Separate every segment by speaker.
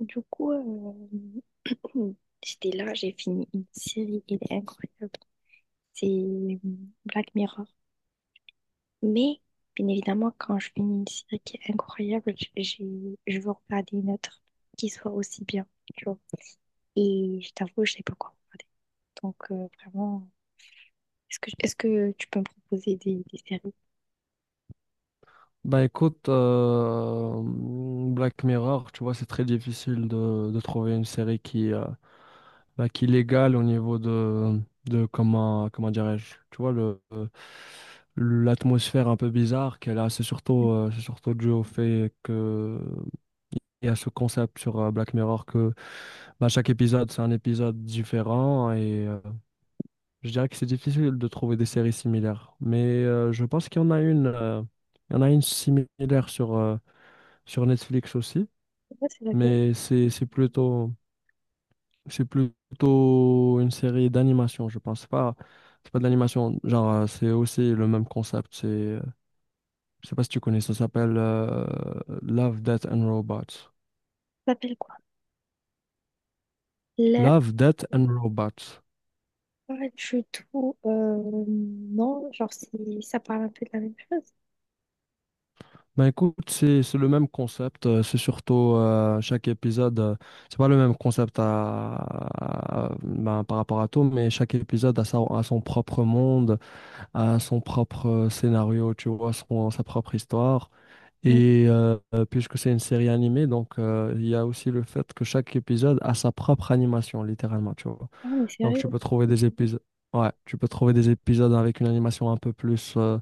Speaker 1: Du coup, euh, j'étais là, j'ai fini une série, elle est incroyable. C'est Black Mirror. Mais, bien évidemment, quand je finis une série qui est incroyable, j'ai, je veux regarder une autre qui soit aussi bien, tu vois. Et je t'avoue, je sais pas quoi regarder. Donc, vraiment, est-ce que tu peux me proposer des séries?
Speaker 2: Bah écoute, Black Mirror, tu vois, c'est très difficile de trouver une série qui, bah, qui l'égale au niveau de comment, comment dirais-je, tu vois, l'atmosphère un peu bizarre qu'elle a. C'est surtout dû au fait que, et à ce concept sur Black Mirror que bah, chaque épisode, c'est un épisode différent et je dirais que c'est difficile de trouver des séries similaires. Mais je pense qu'il y en a une, il y en a une similaire sur Netflix aussi,
Speaker 1: Je sais pas, c'est laquelle?
Speaker 2: mais c'est plutôt une série d'animation, je pense pas. C'est pas de l'animation, genre c'est aussi le même concept. Je sais pas si tu connais, ça s'appelle Love, Death and Robots.
Speaker 1: Ça s'appelle quoi? La...
Speaker 2: Love, Death and Robots.
Speaker 1: Pas du tout. Non, genre, ça parle un peu de la même chose.
Speaker 2: Ben écoute, c'est le même concept. C'est surtout chaque épisode, c'est pas le même concept ben, par rapport à tout, mais chaque épisode a son propre monde. À son propre scénario, tu vois, sa propre histoire.
Speaker 1: Non,
Speaker 2: Et puisque c'est une série animée, donc il y a aussi le fait que chaque épisode a sa propre animation, littéralement, tu vois.
Speaker 1: non, mais
Speaker 2: Donc
Speaker 1: sérieux.
Speaker 2: tu peux trouver des épisodes, ouais, tu peux trouver des épisodes avec une animation un peu plus,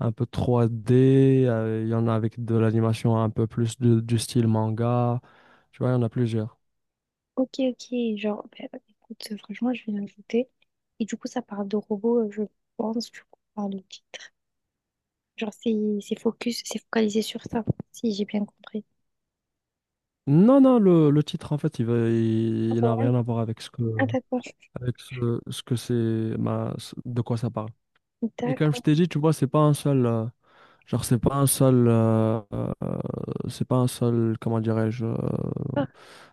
Speaker 2: un peu 3D. Il y en a avec de l'animation un peu plus du style manga. Tu vois, il y en a plusieurs.
Speaker 1: Ok, ok, genre, bah, écoute, franchement, je vais l'ajouter. Et du coup, ça parle de robots, je pense, du coup, par le titre. Genre, c'est focus, c'est focalisé sur ça, si j'ai bien compris.
Speaker 2: Non, non, le titre, en fait,
Speaker 1: Ah,
Speaker 2: il
Speaker 1: c'est
Speaker 2: n'a
Speaker 1: vrai.
Speaker 2: rien à voir avec
Speaker 1: Ah, d'accord.
Speaker 2: avec ce que c'est, de quoi ça parle. Et comme je
Speaker 1: D'accord.
Speaker 2: t'ai dit, tu vois, c'est pas un seul, genre, c'est pas un seul, c'est pas un seul, comment dirais-je,
Speaker 1: Ah,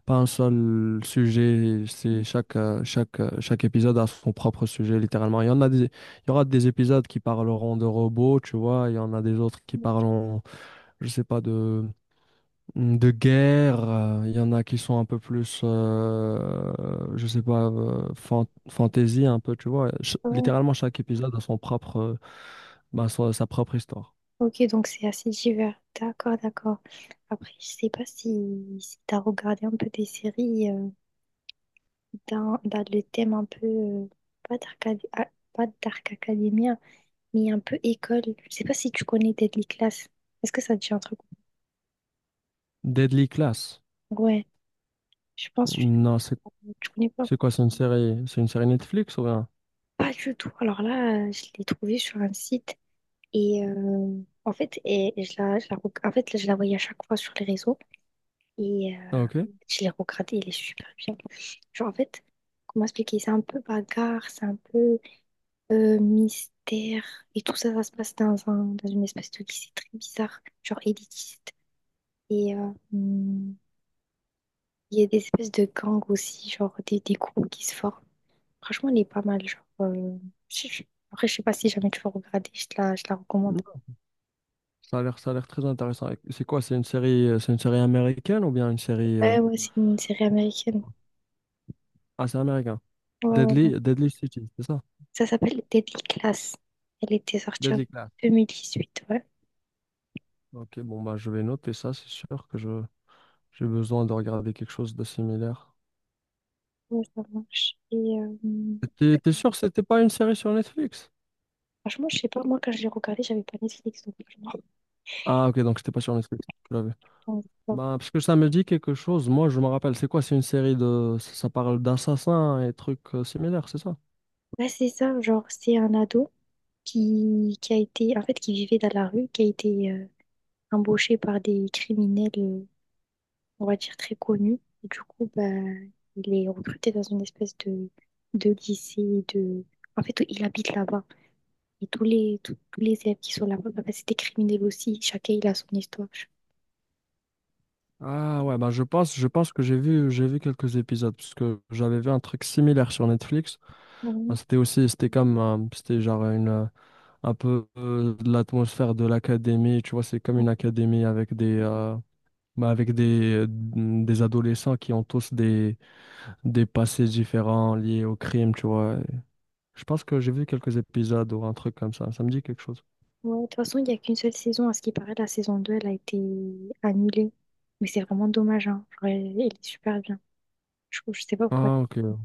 Speaker 2: pas un seul sujet. Chaque épisode a son propre sujet, littéralement. Il y aura des épisodes qui parleront de robots, tu vois. Il y en a des autres qui parleront, je sais pas, de guerre, il y en a qui sont un peu plus, je sais pas, fantasy un peu, tu vois. Ch-
Speaker 1: ouais.
Speaker 2: littéralement, chaque épisode a son propre, bah, sa propre histoire.
Speaker 1: Ok, donc c'est assez divers. D'accord, d'accord. Après, je sais pas si, si t'as regardé un peu des séries dans, dans le thème un peu, pas Dark, pas Dark Academia, mais un peu école. Je sais pas si tu connais Deadly Class. Est-ce que ça te dit un truc?
Speaker 2: Deadly Class.
Speaker 1: Ouais, je pense que
Speaker 2: Non,
Speaker 1: je connais pas,
Speaker 2: c'est quoi? C'est une série, Netflix ou rien?
Speaker 1: pas du tout. Alors là, je l'ai trouvée sur un site et en fait, et je la, en fait, là, je la voyais à chaque fois sur les réseaux et
Speaker 2: Ah, ok.
Speaker 1: je l'ai regardée, elle est super bien. Genre, en fait, comment expliquer? C'est un peu bagarre, c'est un peu mystère et tout ça, ça se passe dans un, dans une espèce de lycée très bizarre, genre élitiste. Et hum, il y a des espèces de gangs aussi, genre des groupes qui se forment. Franchement, elle est pas mal. Genre, je- je- Après, je sais pas si jamais tu vas regarder, je te la recommande.
Speaker 2: Non, ça a l'air très intéressant. Et c'est quoi? C'est une série américaine ou bien
Speaker 1: Ouais, ouais, c'est une série américaine.
Speaker 2: c'est américain.
Speaker 1: Ouais, ouais, ouais.
Speaker 2: Deadly City, c'est ça?
Speaker 1: Ça s'appelle Deadly Class. Elle était sortie en
Speaker 2: Deadly Class.
Speaker 1: 2018, ouais.
Speaker 2: Ok, bon bah je vais noter ça, c'est sûr que je j'ai besoin de regarder quelque chose de similaire.
Speaker 1: Ouais, ça marche. Et
Speaker 2: T'es sûr que c'était pas une série sur Netflix?
Speaker 1: franchement, je sais pas, moi, quand je l'ai regardé j'avais pas Netflix, donc je me rappelle
Speaker 2: Ah, ok, donc c'était pas sur Netflix. Je l'avais.
Speaker 1: pas.
Speaker 2: Bah, parce que ça me dit quelque chose. Moi, je me rappelle. C'est quoi? C'est une série de. Ça parle d'assassins et trucs similaires, c'est ça?
Speaker 1: Ouais, c'est ça, genre, c'est un ado qui a été, en fait, qui vivait dans la rue, qui a été embauché par des criminels. On va dire, très connu. Et du coup, bah, il est recruté dans une espèce de lycée, de... En fait, il habite là-bas. Et tous les, tous les élèves qui sont là-bas, bah, c'est des criminels aussi. Chacun, il a son histoire.
Speaker 2: Ah ouais, bah je pense que j'ai vu quelques épisodes parce que j'avais vu un truc similaire sur Netflix. Bah,
Speaker 1: Ouais.
Speaker 2: c'était aussi, c'était comme, c'était genre une, un peu de l'atmosphère de l'académie. Tu vois, c'est comme une académie avec mais avec des adolescents qui ont tous des passés différents liés au crime, tu vois. Je pense que j'ai vu quelques épisodes ou un truc comme ça. Ça me dit quelque chose.
Speaker 1: Ouais, de toute façon, il n'y a qu'une seule saison. À ce qui paraît, la saison 2 elle a été annulée. Mais c'est vraiment dommage, hein. Genre, elle, elle est super bien. Je sais pas pourquoi.
Speaker 2: Ah, ok.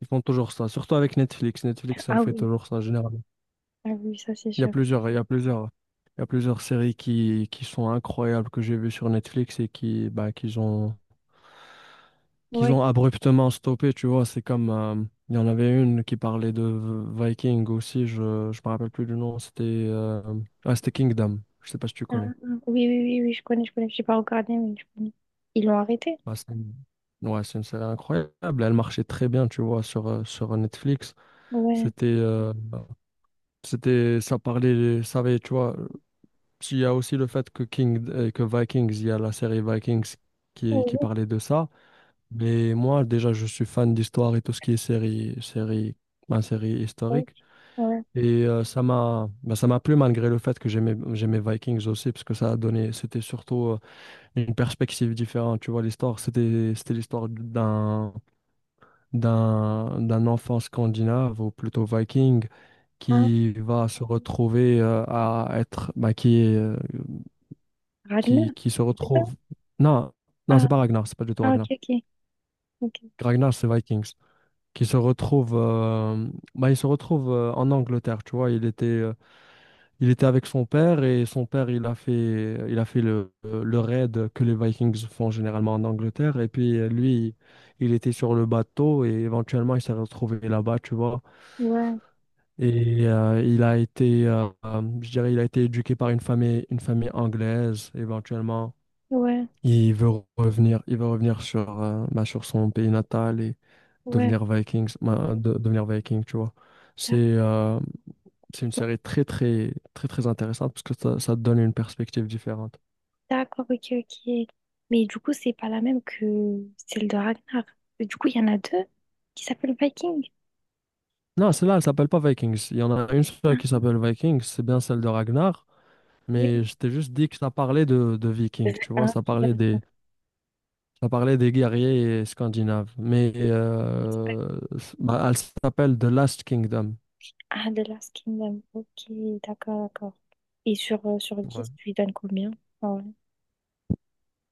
Speaker 2: Ils font toujours ça. Surtout avec Netflix. Netflix, ça le
Speaker 1: Ah
Speaker 2: fait
Speaker 1: oui,
Speaker 2: toujours ça, généralement.
Speaker 1: ah oui, ça c'est
Speaker 2: Il y a
Speaker 1: sûr.
Speaker 2: plusieurs, il y a plusieurs, il y a plusieurs séries qui sont incroyables que j'ai vues sur Netflix et qui, bah, qu'ils
Speaker 1: Ouais.
Speaker 2: ont abruptement stoppé, tu vois. C'est comme, il y en avait une qui parlait de Viking aussi, je me rappelle plus du nom, c'était Kingdom, je sais pas si tu
Speaker 1: Ah, ah,
Speaker 2: connais.
Speaker 1: oui, oui, oui, oui, je connais, je connais. J'ai pas regardé, mais je connais. Ils l'ont arrêté?
Speaker 2: Ah, ouais, c'est une série incroyable, elle marchait très bien, tu vois, sur Netflix.
Speaker 1: Ouais.
Speaker 2: C'était, euh, c'était, ça parlait, ça avait, tu vois, il y a aussi le fait que que Vikings, il y a la série Vikings qui
Speaker 1: Ouais,
Speaker 2: parlait de ça. Mais moi, déjà, je suis fan d'histoire et tout ce qui est série, ma série
Speaker 1: ouais,
Speaker 2: historique.
Speaker 1: ouais.
Speaker 2: Et ça m'a bah, ça m'a plu malgré le fait que j'aimais Vikings aussi parce que ça a donné c'était surtout une perspective différente, tu vois, l'histoire, c'était l'histoire d'un enfant scandinave ou plutôt viking
Speaker 1: Ah,
Speaker 2: qui va se retrouver à être bah, qui est,
Speaker 1: Ragnar,
Speaker 2: qui se
Speaker 1: c'est ça?
Speaker 2: retrouve. Non, non,
Speaker 1: Ah,
Speaker 2: c'est pas Ragnar, c'est pas du tout
Speaker 1: ah, ok,
Speaker 2: Ragnar.
Speaker 1: ok, ok.
Speaker 2: Ragnar, c'est Vikings. Qui se retrouve Bah, il se retrouve en Angleterre, tu vois, il était Il était avec son père, et son père, il a fait le raid que les Vikings font généralement en Angleterre. Et puis lui, il était sur le bateau et éventuellement, il s'est retrouvé là-bas, tu vois.
Speaker 1: Ouais,
Speaker 2: Et je dirais, il a été éduqué par une famille anglaise. Éventuellement,
Speaker 1: ouais,
Speaker 2: il veut il veut revenir bah, sur son pays natal et
Speaker 1: ouais.
Speaker 2: devenir Vikings, bah, devenir Viking, tu vois. C'est,
Speaker 1: D'ac-
Speaker 2: euh, c'est une série très, très, très, très intéressante parce que ça te donne une perspective différente.
Speaker 1: D'accord, ok, ok. Mais du coup, c'est pas la même que celle de Ragnar. Du coup, il y en a deux qui s'appellent Viking.
Speaker 2: Non, celle-là, elle s'appelle pas Vikings. Il y en a une seule
Speaker 1: Ah,
Speaker 2: qui s'appelle Vikings, c'est bien celle de Ragnar, mais
Speaker 1: oui.
Speaker 2: je t'ai juste dit que ça parlait de Vikings,
Speaker 1: Il y
Speaker 2: tu
Speaker 1: en a
Speaker 2: vois,
Speaker 1: un qui
Speaker 2: ça parlait des guerriers scandinaves. Mais
Speaker 1: s'appelle.
Speaker 2: bah, elle s'appelle The Last Kingdom.
Speaker 1: Ah, The Last Kingdom. Ok, d'accord, d'accord. Et sur, sur
Speaker 2: Ouais.
Speaker 1: 10 tu lui donnes combien? Ah, ouais.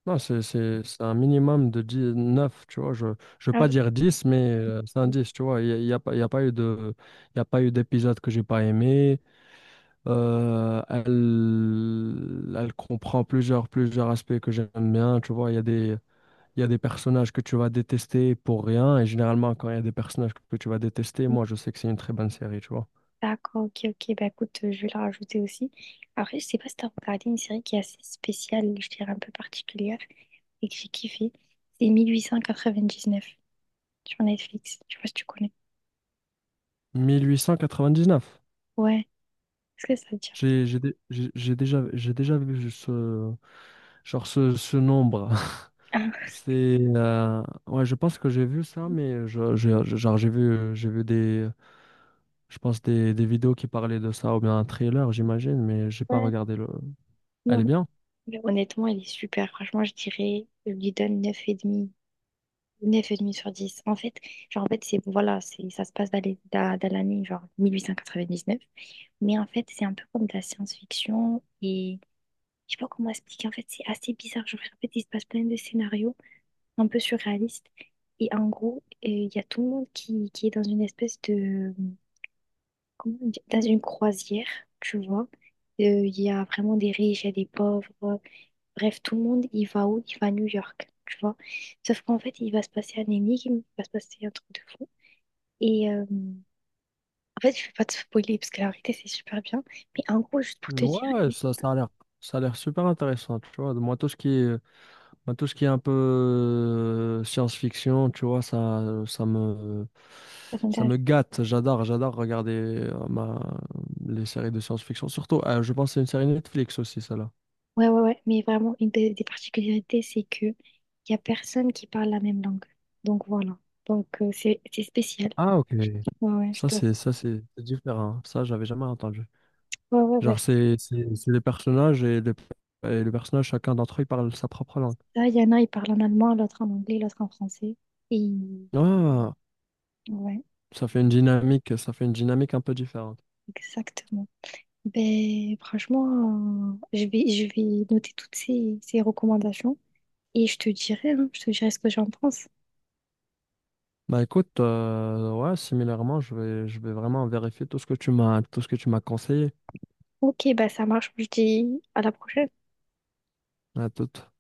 Speaker 2: Non, c'est un minimum de dix neuf, tu vois. Je ne veux
Speaker 1: Ah
Speaker 2: pas dire dix, mais c'est un dix, tu vois. Il n'y a, il y a pas, il y a pas eu de, il y a pas eu d'épisode que j'ai pas aimé. Elle comprend plusieurs aspects que j'aime bien. Tu vois, il y a des personnages que tu vas détester pour rien. Et généralement, quand il y a des personnages que tu vas détester,
Speaker 1: oui.
Speaker 2: moi, je sais que c'est une très bonne série, tu vois.
Speaker 1: D'accord, ok, ok. Bah écoute, je vais la rajouter aussi. Après, je sais pas si t'as regardé une série qui est assez spéciale, je dirais un peu particulière, et que j'ai kiffé. C'est 1899 sur Netflix. Je sais pas si tu connais.
Speaker 2: 1899.
Speaker 1: Ouais, est-ce que ça te dit?
Speaker 2: J'ai, dé- j'ai déjà, J'ai déjà vu ce, genre ce nombre.
Speaker 1: Ah,
Speaker 2: C'est, ouais, je pense que j'ai vu ça, mais je, genre, j'ai vu je pense des, vidéos qui parlaient de ça ou bien un trailer, j'imagine, mais j'ai pas
Speaker 1: ouais,
Speaker 2: regardé le. Elle est
Speaker 1: non.
Speaker 2: bien.
Speaker 1: Mais honnêtement, elle est super. Franchement, je dirais, je lui donne 9,5. 9,5 sur dix. En fait, genre, en fait, c'est, voilà, c'est, ça se passe dans dans l'année, genre, 1899. Mais en fait, c'est un peu comme de la science-fiction et je sais pas comment expliquer. En fait, c'est assez bizarre. Je vous répète, il se passe plein de scénarios un peu surréalistes. Et en gros, il y a tout le monde qui est dans une espèce de... Comment on dit? Dans une croisière, tu vois. Il y a vraiment des riches, il y a des pauvres. Bref, tout le monde, il va où? Il va à New York, tu vois. Sauf qu'en fait, il va se passer un énigme, il va se passer un truc de fou. Et en fait, je vais pas te spoiler parce que la vérité, c'est super bien. Mais en gros, juste pour te dire,
Speaker 2: Ouais, ouais, ça a l'air super intéressant, tu vois. Moi, tout ce qui est, un peu science-fiction, tu vois, ça me gâte. J'adore regarder euh, ma, les séries de science-fiction. Surtout, je pense que c'est une série Netflix aussi, celle-là.
Speaker 1: ouais, ouais, ouais. Mais vraiment, une des particularités, c'est que il y a personne qui parle la même langue. Donc voilà. Donc c'est spécial.
Speaker 2: Ah, ok.
Speaker 1: Ouais, ouais, je te...
Speaker 2: Ça, c'est différent, hein. Ça, j'avais jamais entendu.
Speaker 1: Ouais, ouais,
Speaker 2: Genre,
Speaker 1: ouais.
Speaker 2: c'est les personnages et les, chacun d'entre eux, il parle sa propre langue.
Speaker 1: Là, il y en a, ils parlent en allemand, l'autre en anglais, l'autre en français. Et
Speaker 2: Ah,
Speaker 1: ouais,
Speaker 2: ça fait une dynamique, un peu différente.
Speaker 1: exactement. Ben franchement, je vais noter toutes ces, ces recommandations et je te dirai, hein, je te dirai ce que j'en pense.
Speaker 2: Bah écoute, ouais, similairement, je vais vraiment vérifier tout ce que tu m'as, conseillé.
Speaker 1: Ok, ben ça marche. Je te dis à la prochaine.
Speaker 2: À toute.